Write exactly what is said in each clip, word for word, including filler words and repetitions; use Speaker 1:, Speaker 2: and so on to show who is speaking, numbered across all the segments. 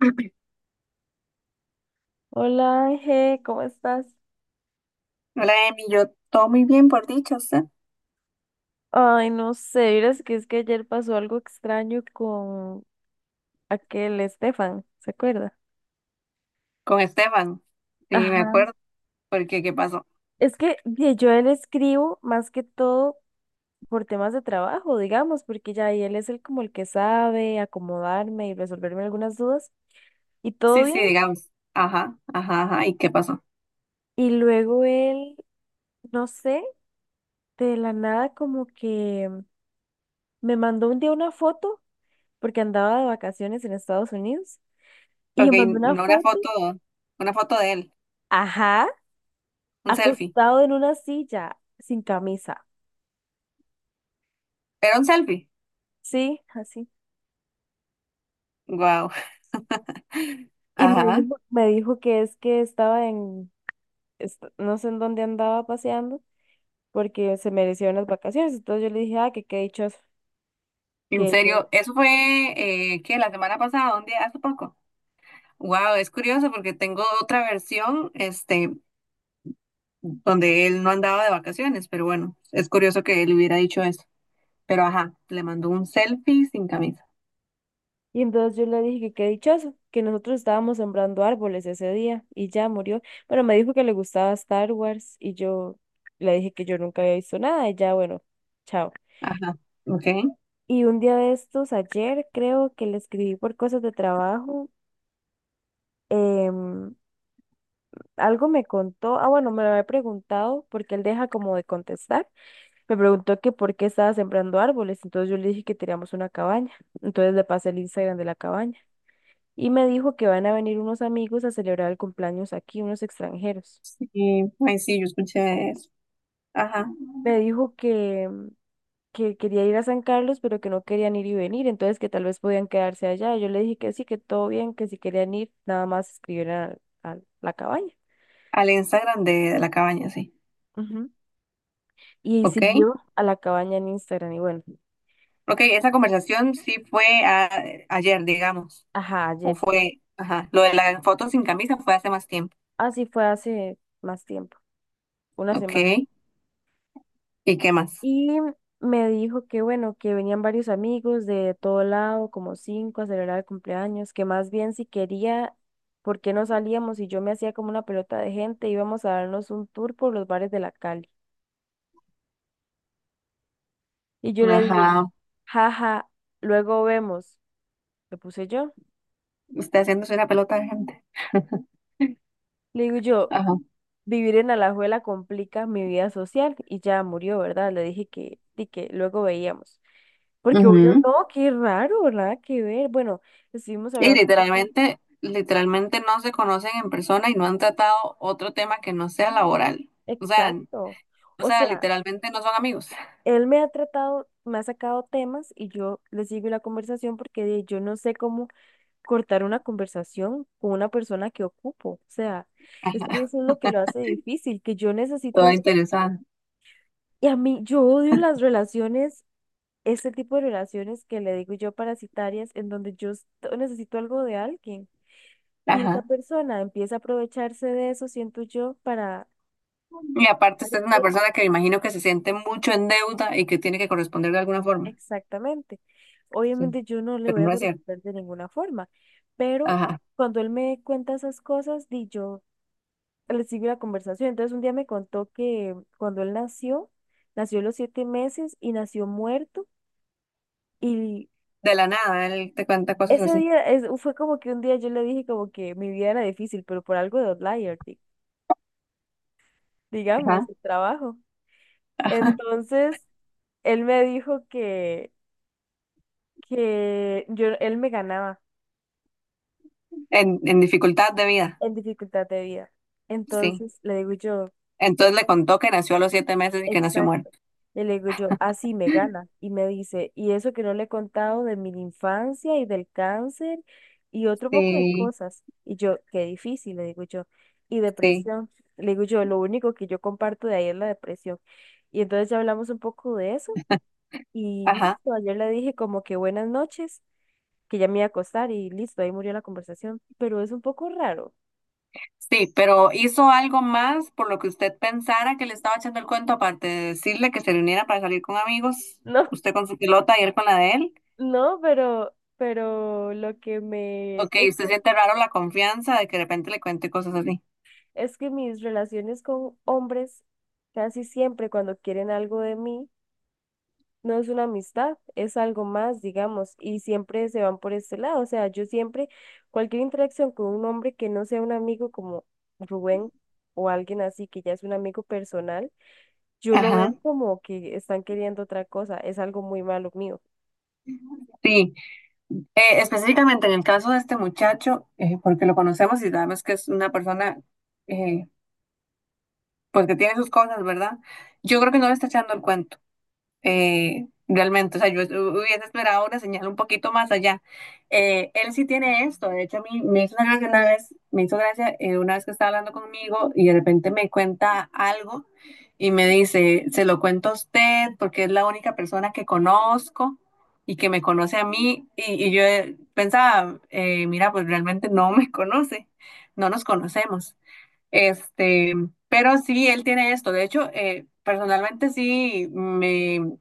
Speaker 1: Hola Ángel, ¿cómo estás?
Speaker 2: Hola, Emi, yo todo muy bien, por dicho, ¿usted?
Speaker 1: Ay, no sé, verás que es que ayer pasó algo extraño con aquel Estefan, ¿se acuerda?
Speaker 2: Con Esteban, sí, me
Speaker 1: Ajá.
Speaker 2: acuerdo, porque ¿qué pasó?
Speaker 1: Es que di, yo a él escribo más que todo por temas de trabajo, digamos, porque ya ahí él es el como el que sabe acomodarme y resolverme algunas dudas y todo
Speaker 2: Sí,
Speaker 1: bien.
Speaker 2: sí, digamos, ajá, ajá, ajá, ¿y qué pasó?
Speaker 1: Y luego él, no sé, de la nada como que me mandó un día una foto porque andaba de vacaciones en Estados Unidos y
Speaker 2: Ok,
Speaker 1: me mandó una
Speaker 2: no una
Speaker 1: foto.
Speaker 2: foto, una foto de él,
Speaker 1: Ajá.
Speaker 2: un selfie,
Speaker 1: Acostado en una silla, sin camisa,
Speaker 2: ¿era un selfie?
Speaker 1: sí, así.
Speaker 2: Wow,
Speaker 1: Y me
Speaker 2: ajá,
Speaker 1: dijo, me dijo que es que estaba en, est- no sé en dónde andaba paseando, porque se merecieron las vacaciones. Entonces yo le dije, ah, que qué dichoso,
Speaker 2: en
Speaker 1: que yo.
Speaker 2: serio, eso fue, eh, ¿qué? La semana pasada, un día, hace poco. Wow, es curioso porque tengo otra versión, este, donde él no andaba de vacaciones, pero bueno, es curioso que él hubiera dicho eso, pero ajá, le mandó un selfie sin camisa.
Speaker 1: Y entonces yo le dije que qué dichoso, que nosotros estábamos sembrando árboles ese día y ya murió. Pero me dijo que le gustaba Star Wars y yo le dije que yo nunca había visto nada y ya, bueno, chao.
Speaker 2: Ajá, ok.
Speaker 1: Y un día de estos, ayer creo que le escribí por cosas de trabajo. em, Algo me contó, ah, bueno, me lo había preguntado porque él deja como de contestar. Me preguntó que por qué estaba sembrando árboles, entonces yo le dije que teníamos una cabaña. Entonces le pasé el Instagram de la cabaña y me dijo que van a venir unos amigos a celebrar el cumpleaños aquí, unos extranjeros.
Speaker 2: Sí, ay, sí, yo escuché eso. Ajá,
Speaker 1: Me dijo que, que quería ir a San Carlos, pero que no querían ir y venir, entonces que tal vez podían quedarse allá. Yo le dije que sí, que todo bien, que si querían ir, nada más escribieran a, a la cabaña.
Speaker 2: al Instagram de, de la cabaña, sí.
Speaker 1: Ujú. Y
Speaker 2: Ok,
Speaker 1: siguió a la cabaña en Instagram y bueno,
Speaker 2: ok, esa conversación sí fue a- ayer, digamos,
Speaker 1: ajá,
Speaker 2: o
Speaker 1: ayer.
Speaker 2: fue, ajá, lo de la foto sin camisa fue hace más tiempo.
Speaker 1: Así fue hace más tiempo, una
Speaker 2: Ok,
Speaker 1: semana.
Speaker 2: ¿y qué más?
Speaker 1: Y me dijo que bueno, que venían varios amigos de todo lado, como cinco, a celebrar el cumpleaños, que más bien si quería, ¿por qué no salíamos? Y yo me hacía como una pelota de gente, íbamos a darnos un tour por los bares de la Cali. Y yo le dije,
Speaker 2: Ajá,
Speaker 1: jaja, luego vemos, le puse yo.
Speaker 2: usted haciéndose una pelota de gente.
Speaker 1: Le digo yo,
Speaker 2: Ajá.
Speaker 1: vivir en Alajuela complica mi vida social y ya murió, ¿verdad? Le dije que, y que luego veíamos. Porque obvio
Speaker 2: ujú.
Speaker 1: no, qué raro, nada que ver. Bueno, estuvimos
Speaker 2: Y
Speaker 1: hablando un poco.
Speaker 2: literalmente, literalmente no se conocen en persona y no han tratado otro tema que no sea laboral. O sea,
Speaker 1: Exacto.
Speaker 2: o
Speaker 1: O
Speaker 2: sea,
Speaker 1: sea,
Speaker 2: literalmente no son amigos.
Speaker 1: él me ha tratado, me ha sacado temas y yo le sigo la conversación porque de- yo no sé cómo cortar una conversación con una persona que ocupo. O sea, es que eso es lo que lo hace difícil, que yo
Speaker 2: Todo
Speaker 1: necesito,
Speaker 2: interesante.
Speaker 1: y a mí, yo odio las relaciones este tipo de relaciones que le digo yo parasitarias, en donde yo est- necesito algo de alguien y esa
Speaker 2: Ajá.
Speaker 1: persona empieza a aprovecharse de eso, siento yo, para...
Speaker 2: Y aparte, usted es una persona que me imagino que se siente mucho en deuda y que tiene que corresponder de alguna forma.
Speaker 1: Exactamente.
Speaker 2: Sí,
Speaker 1: Obviamente yo no le
Speaker 2: pero
Speaker 1: voy a
Speaker 2: no es cierto.
Speaker 1: contestar de ninguna forma, pero
Speaker 2: Ajá.
Speaker 1: cuando él me cuenta esas cosas, di yo le sigo la conversación. Entonces un día me contó que cuando él nació, nació a los siete meses y nació muerto. Y
Speaker 2: De la nada, él te cuenta cosas
Speaker 1: ese
Speaker 2: así.
Speaker 1: día es- fue como que un día yo le dije como que mi vida era difícil, pero por algo de outlier, di- digamos,
Speaker 2: Ajá.
Speaker 1: el trabajo.
Speaker 2: Ajá.
Speaker 1: Entonces, él me dijo que, que yo, él me ganaba
Speaker 2: En, en dificultad de vida.
Speaker 1: en dificultad de vida.
Speaker 2: Sí.
Speaker 1: Entonces, le digo yo,
Speaker 2: Entonces le contó que nació a los siete meses y que nació muerto.
Speaker 1: exacto. Y le digo yo, así me gana. Y me dice, y eso que no le he contado de mi infancia y del cáncer y otro poco de
Speaker 2: Sí,
Speaker 1: cosas. Y yo, qué difícil, le digo yo. Y
Speaker 2: sí.
Speaker 1: depresión. Le digo yo, lo único que yo comparto de ahí es la depresión. Y entonces ya hablamos un poco de eso. Y
Speaker 2: Ajá.
Speaker 1: listo, ayer le dije como que buenas noches, que ya me iba a acostar y listo, ahí murió la conversación. Pero es un poco raro.
Speaker 2: Sí, pero hizo algo más por lo que usted pensara que le estaba echando el cuento, aparte de decirle que se reuniera para salir con amigos,
Speaker 1: No,
Speaker 2: usted con su pilota y él con la de él.
Speaker 1: no, pero, pero lo que me...
Speaker 2: Ok,
Speaker 1: es-
Speaker 2: usted siente raro la confianza de que de repente le cuente cosas así.
Speaker 1: Es que mis relaciones con hombres, casi siempre cuando quieren algo de mí, no es una amistad, es algo más, digamos, y siempre se van por este lado. O sea, yo siempre, cualquier interacción con un hombre que no sea un amigo como Rubén o alguien así, que ya es un amigo personal, yo lo veo
Speaker 2: Ajá,
Speaker 1: como que están queriendo otra cosa, es algo muy malo mío.
Speaker 2: sí. Eh, específicamente en el caso de este muchacho, eh, porque lo conocemos y sabemos que es una persona, eh, pues que tiene sus cosas, ¿verdad? Yo creo que no le está echando el cuento. eh, realmente. O sea, yo hubiese esperado una señal un poquito más allá. Eh, él sí tiene esto. De hecho, a mí me hizo una gracia una vez, me hizo gracia eh, una vez que estaba hablando conmigo y de repente me cuenta algo y me dice, se lo cuento a usted porque es la única persona que conozco. y que me conoce a mí, y, y yo eh, pensaba, eh, mira, pues realmente no me conoce, no nos conocemos. Este, pero sí, él tiene esto. De hecho, eh, personalmente sí, me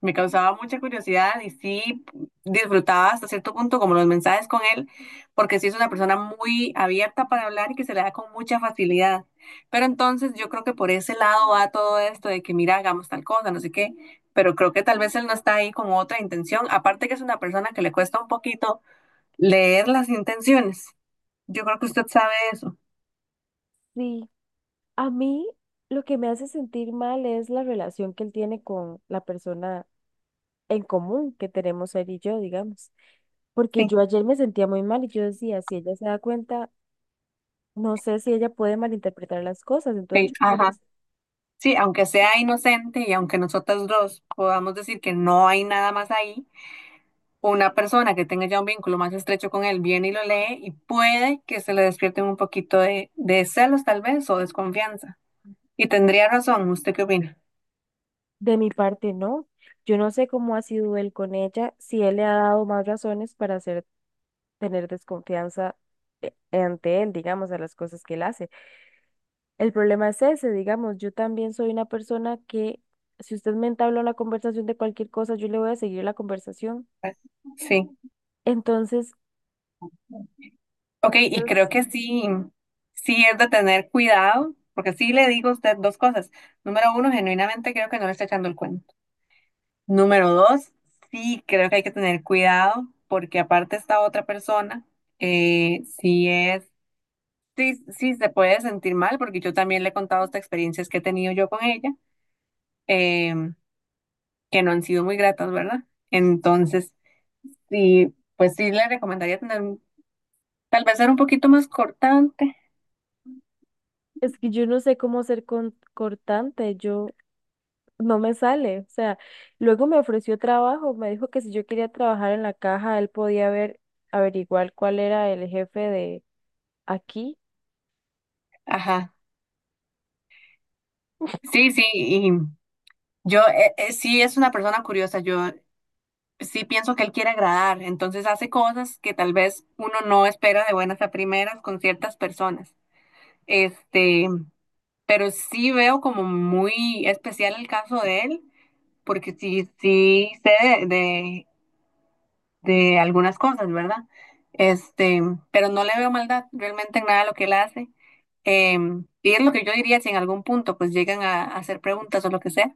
Speaker 2: me causaba mucha curiosidad y sí disfrutaba hasta cierto punto como los mensajes con él, porque sí es una persona muy abierta para hablar y que se le da con mucha facilidad. Pero entonces yo creo que por ese lado va todo esto de que mira, hagamos tal cosa, no sé qué, pero creo que tal vez él no está ahí con otra intención, aparte que es una persona que le cuesta un poquito leer las intenciones. Yo creo que usted sabe eso.
Speaker 1: Sí, a mí lo que me hace sentir mal es la relación que él tiene con la persona en común que tenemos él y yo, digamos. Porque
Speaker 2: Sí,
Speaker 1: yo ayer me sentía muy mal y yo decía, si ella se da cuenta, no sé si ella puede malinterpretar las cosas. Entonces,
Speaker 2: sí,
Speaker 1: yo por
Speaker 2: ajá.
Speaker 1: eso,
Speaker 2: Sí, aunque sea inocente y aunque nosotros dos podamos decir que no hay nada más ahí una persona que tenga ya un vínculo más estrecho con él viene y lo lee y puede que se le despierten un poquito de, de celos tal vez o desconfianza. Y tendría razón, ¿usted qué opina?
Speaker 1: de mi parte, no. Yo no sé cómo ha sido él con ella, si él le ha dado más razones para hacer, tener desconfianza eh, ante él, digamos, a las cosas que él hace. El problema es ese, digamos, yo también soy una persona que, si usted me entabla una conversación de cualquier cosa, yo le voy a seguir la conversación.
Speaker 2: Sí.
Speaker 1: Entonces,
Speaker 2: Ok, y creo
Speaker 1: eso.
Speaker 2: que sí, sí es de tener cuidado, porque sí le digo a usted dos cosas. Número uno, genuinamente creo que no le está echando el cuento. Número dos, sí creo que hay que tener cuidado, porque aparte esta otra persona, eh, sí es. Sí, sí, se puede sentir mal porque yo también le he contado estas experiencias que he tenido yo con ella, em, que no han sido muy gratas, ¿verdad? Entonces, sí, pues sí le recomendaría tener, un- tal vez ser un poquito más cortante.
Speaker 1: Es que yo no sé cómo ser con- cortante, yo no me sale. O sea, luego me ofreció trabajo, me dijo que si yo quería trabajar en la caja, él podía ver, averiguar cuál era el jefe de aquí.
Speaker 2: Ajá. Sí, sí, y yo eh, eh, sí es una persona curiosa. Yo sí pienso que él quiere agradar, entonces hace cosas que tal vez uno no espera de buenas a primeras con ciertas personas. Este, pero sí veo como muy especial el caso de él, porque sí, sí sé de, de, de algunas cosas, ¿verdad? Este, pero no le veo maldad realmente en nada de lo que él hace. Em, y es lo que yo diría si en algún punto pues llegan a, a hacer preguntas o lo que sea.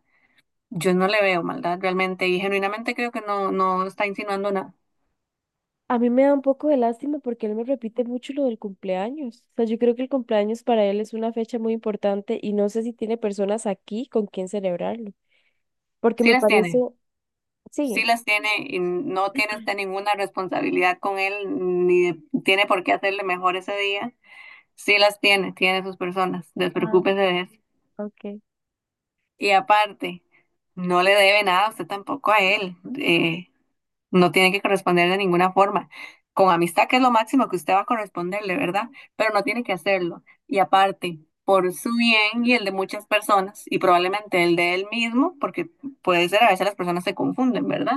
Speaker 2: Yo no le veo maldad realmente y genuinamente creo que no, no está insinuando nada.
Speaker 1: A mí me da un poco de lástima porque él me repite mucho lo del cumpleaños. O sea, yo creo que el cumpleaños para él es una fecha muy importante y no sé si tiene personas aquí con quien celebrarlo. Porque
Speaker 2: Sí
Speaker 1: me
Speaker 2: las
Speaker 1: parece,
Speaker 2: tiene. sí
Speaker 1: sí,
Speaker 2: las tiene y no tiene usted ninguna responsabilidad con él, ni de- tiene por qué hacerle mejor ese día. Sí las tiene, tiene sus personas,
Speaker 1: ah,
Speaker 2: despreocúpese de eso.
Speaker 1: ok.
Speaker 2: Y aparte, no le debe nada a usted tampoco a él, eh, no tiene que corresponder de ninguna forma. Con amistad, que es lo máximo que usted va a corresponderle, ¿verdad? Pero no tiene que hacerlo. Y aparte, por su bien y el de muchas personas, y probablemente el de él mismo, porque puede ser, a veces las personas se confunden, ¿verdad?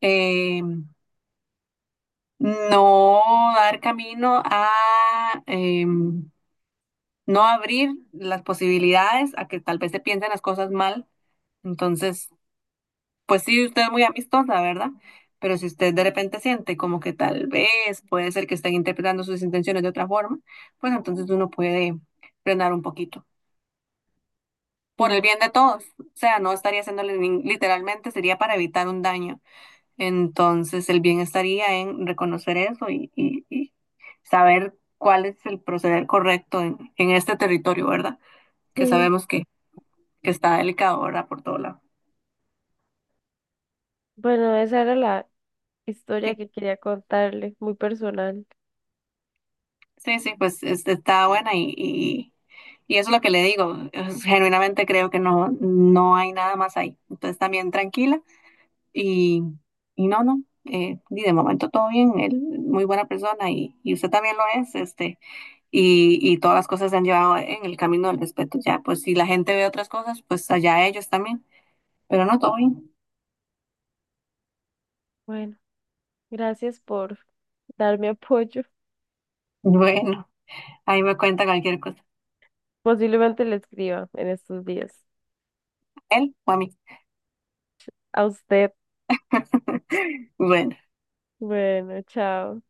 Speaker 2: Eh, No dar camino a em, no abrir las posibilidades a que tal vez se piensen las cosas mal. Entonces, pues sí, usted es muy amistosa, ¿verdad? Pero si usted de repente siente como que tal vez puede ser que estén interpretando sus intenciones de otra forma, pues entonces uno puede frenar un poquito. Por
Speaker 1: Sí.
Speaker 2: el bien de todos. O sea, no estaría haciéndole nin- literalmente, sería para evitar un daño. Entonces, el bien estaría en reconocer eso y, y- y saber cuál es el proceder correcto en, en este territorio, ¿verdad? Que
Speaker 1: Sí.
Speaker 2: sabemos que, que está delicado, ¿verdad? Por todo lado.
Speaker 1: Bueno, esa era la, historia
Speaker 2: Sí,
Speaker 1: que quería contarle, muy personal.
Speaker 2: sí, sí, pues este, está buena y, y, y eso es lo que le digo. Es- Genuinamente creo que no, no hay nada más ahí. Entonces, también tranquila y, y no, no. eh, y de momento todo bien, él muy buena persona y, y usted también lo es, este. y, y todas las cosas se han llevado en el camino del respeto. Ya, pues si la gente ve otras cosas, pues allá ellos también. Pero no, todo bien.
Speaker 1: Bueno, gracias por darme apoyo.
Speaker 2: Bueno, ahí me cuenta cualquier cosa.
Speaker 1: Posiblemente le escriba en estos días.
Speaker 2: Él o a mí.
Speaker 1: A usted.
Speaker 2: Bueno.
Speaker 1: Bueno, chao.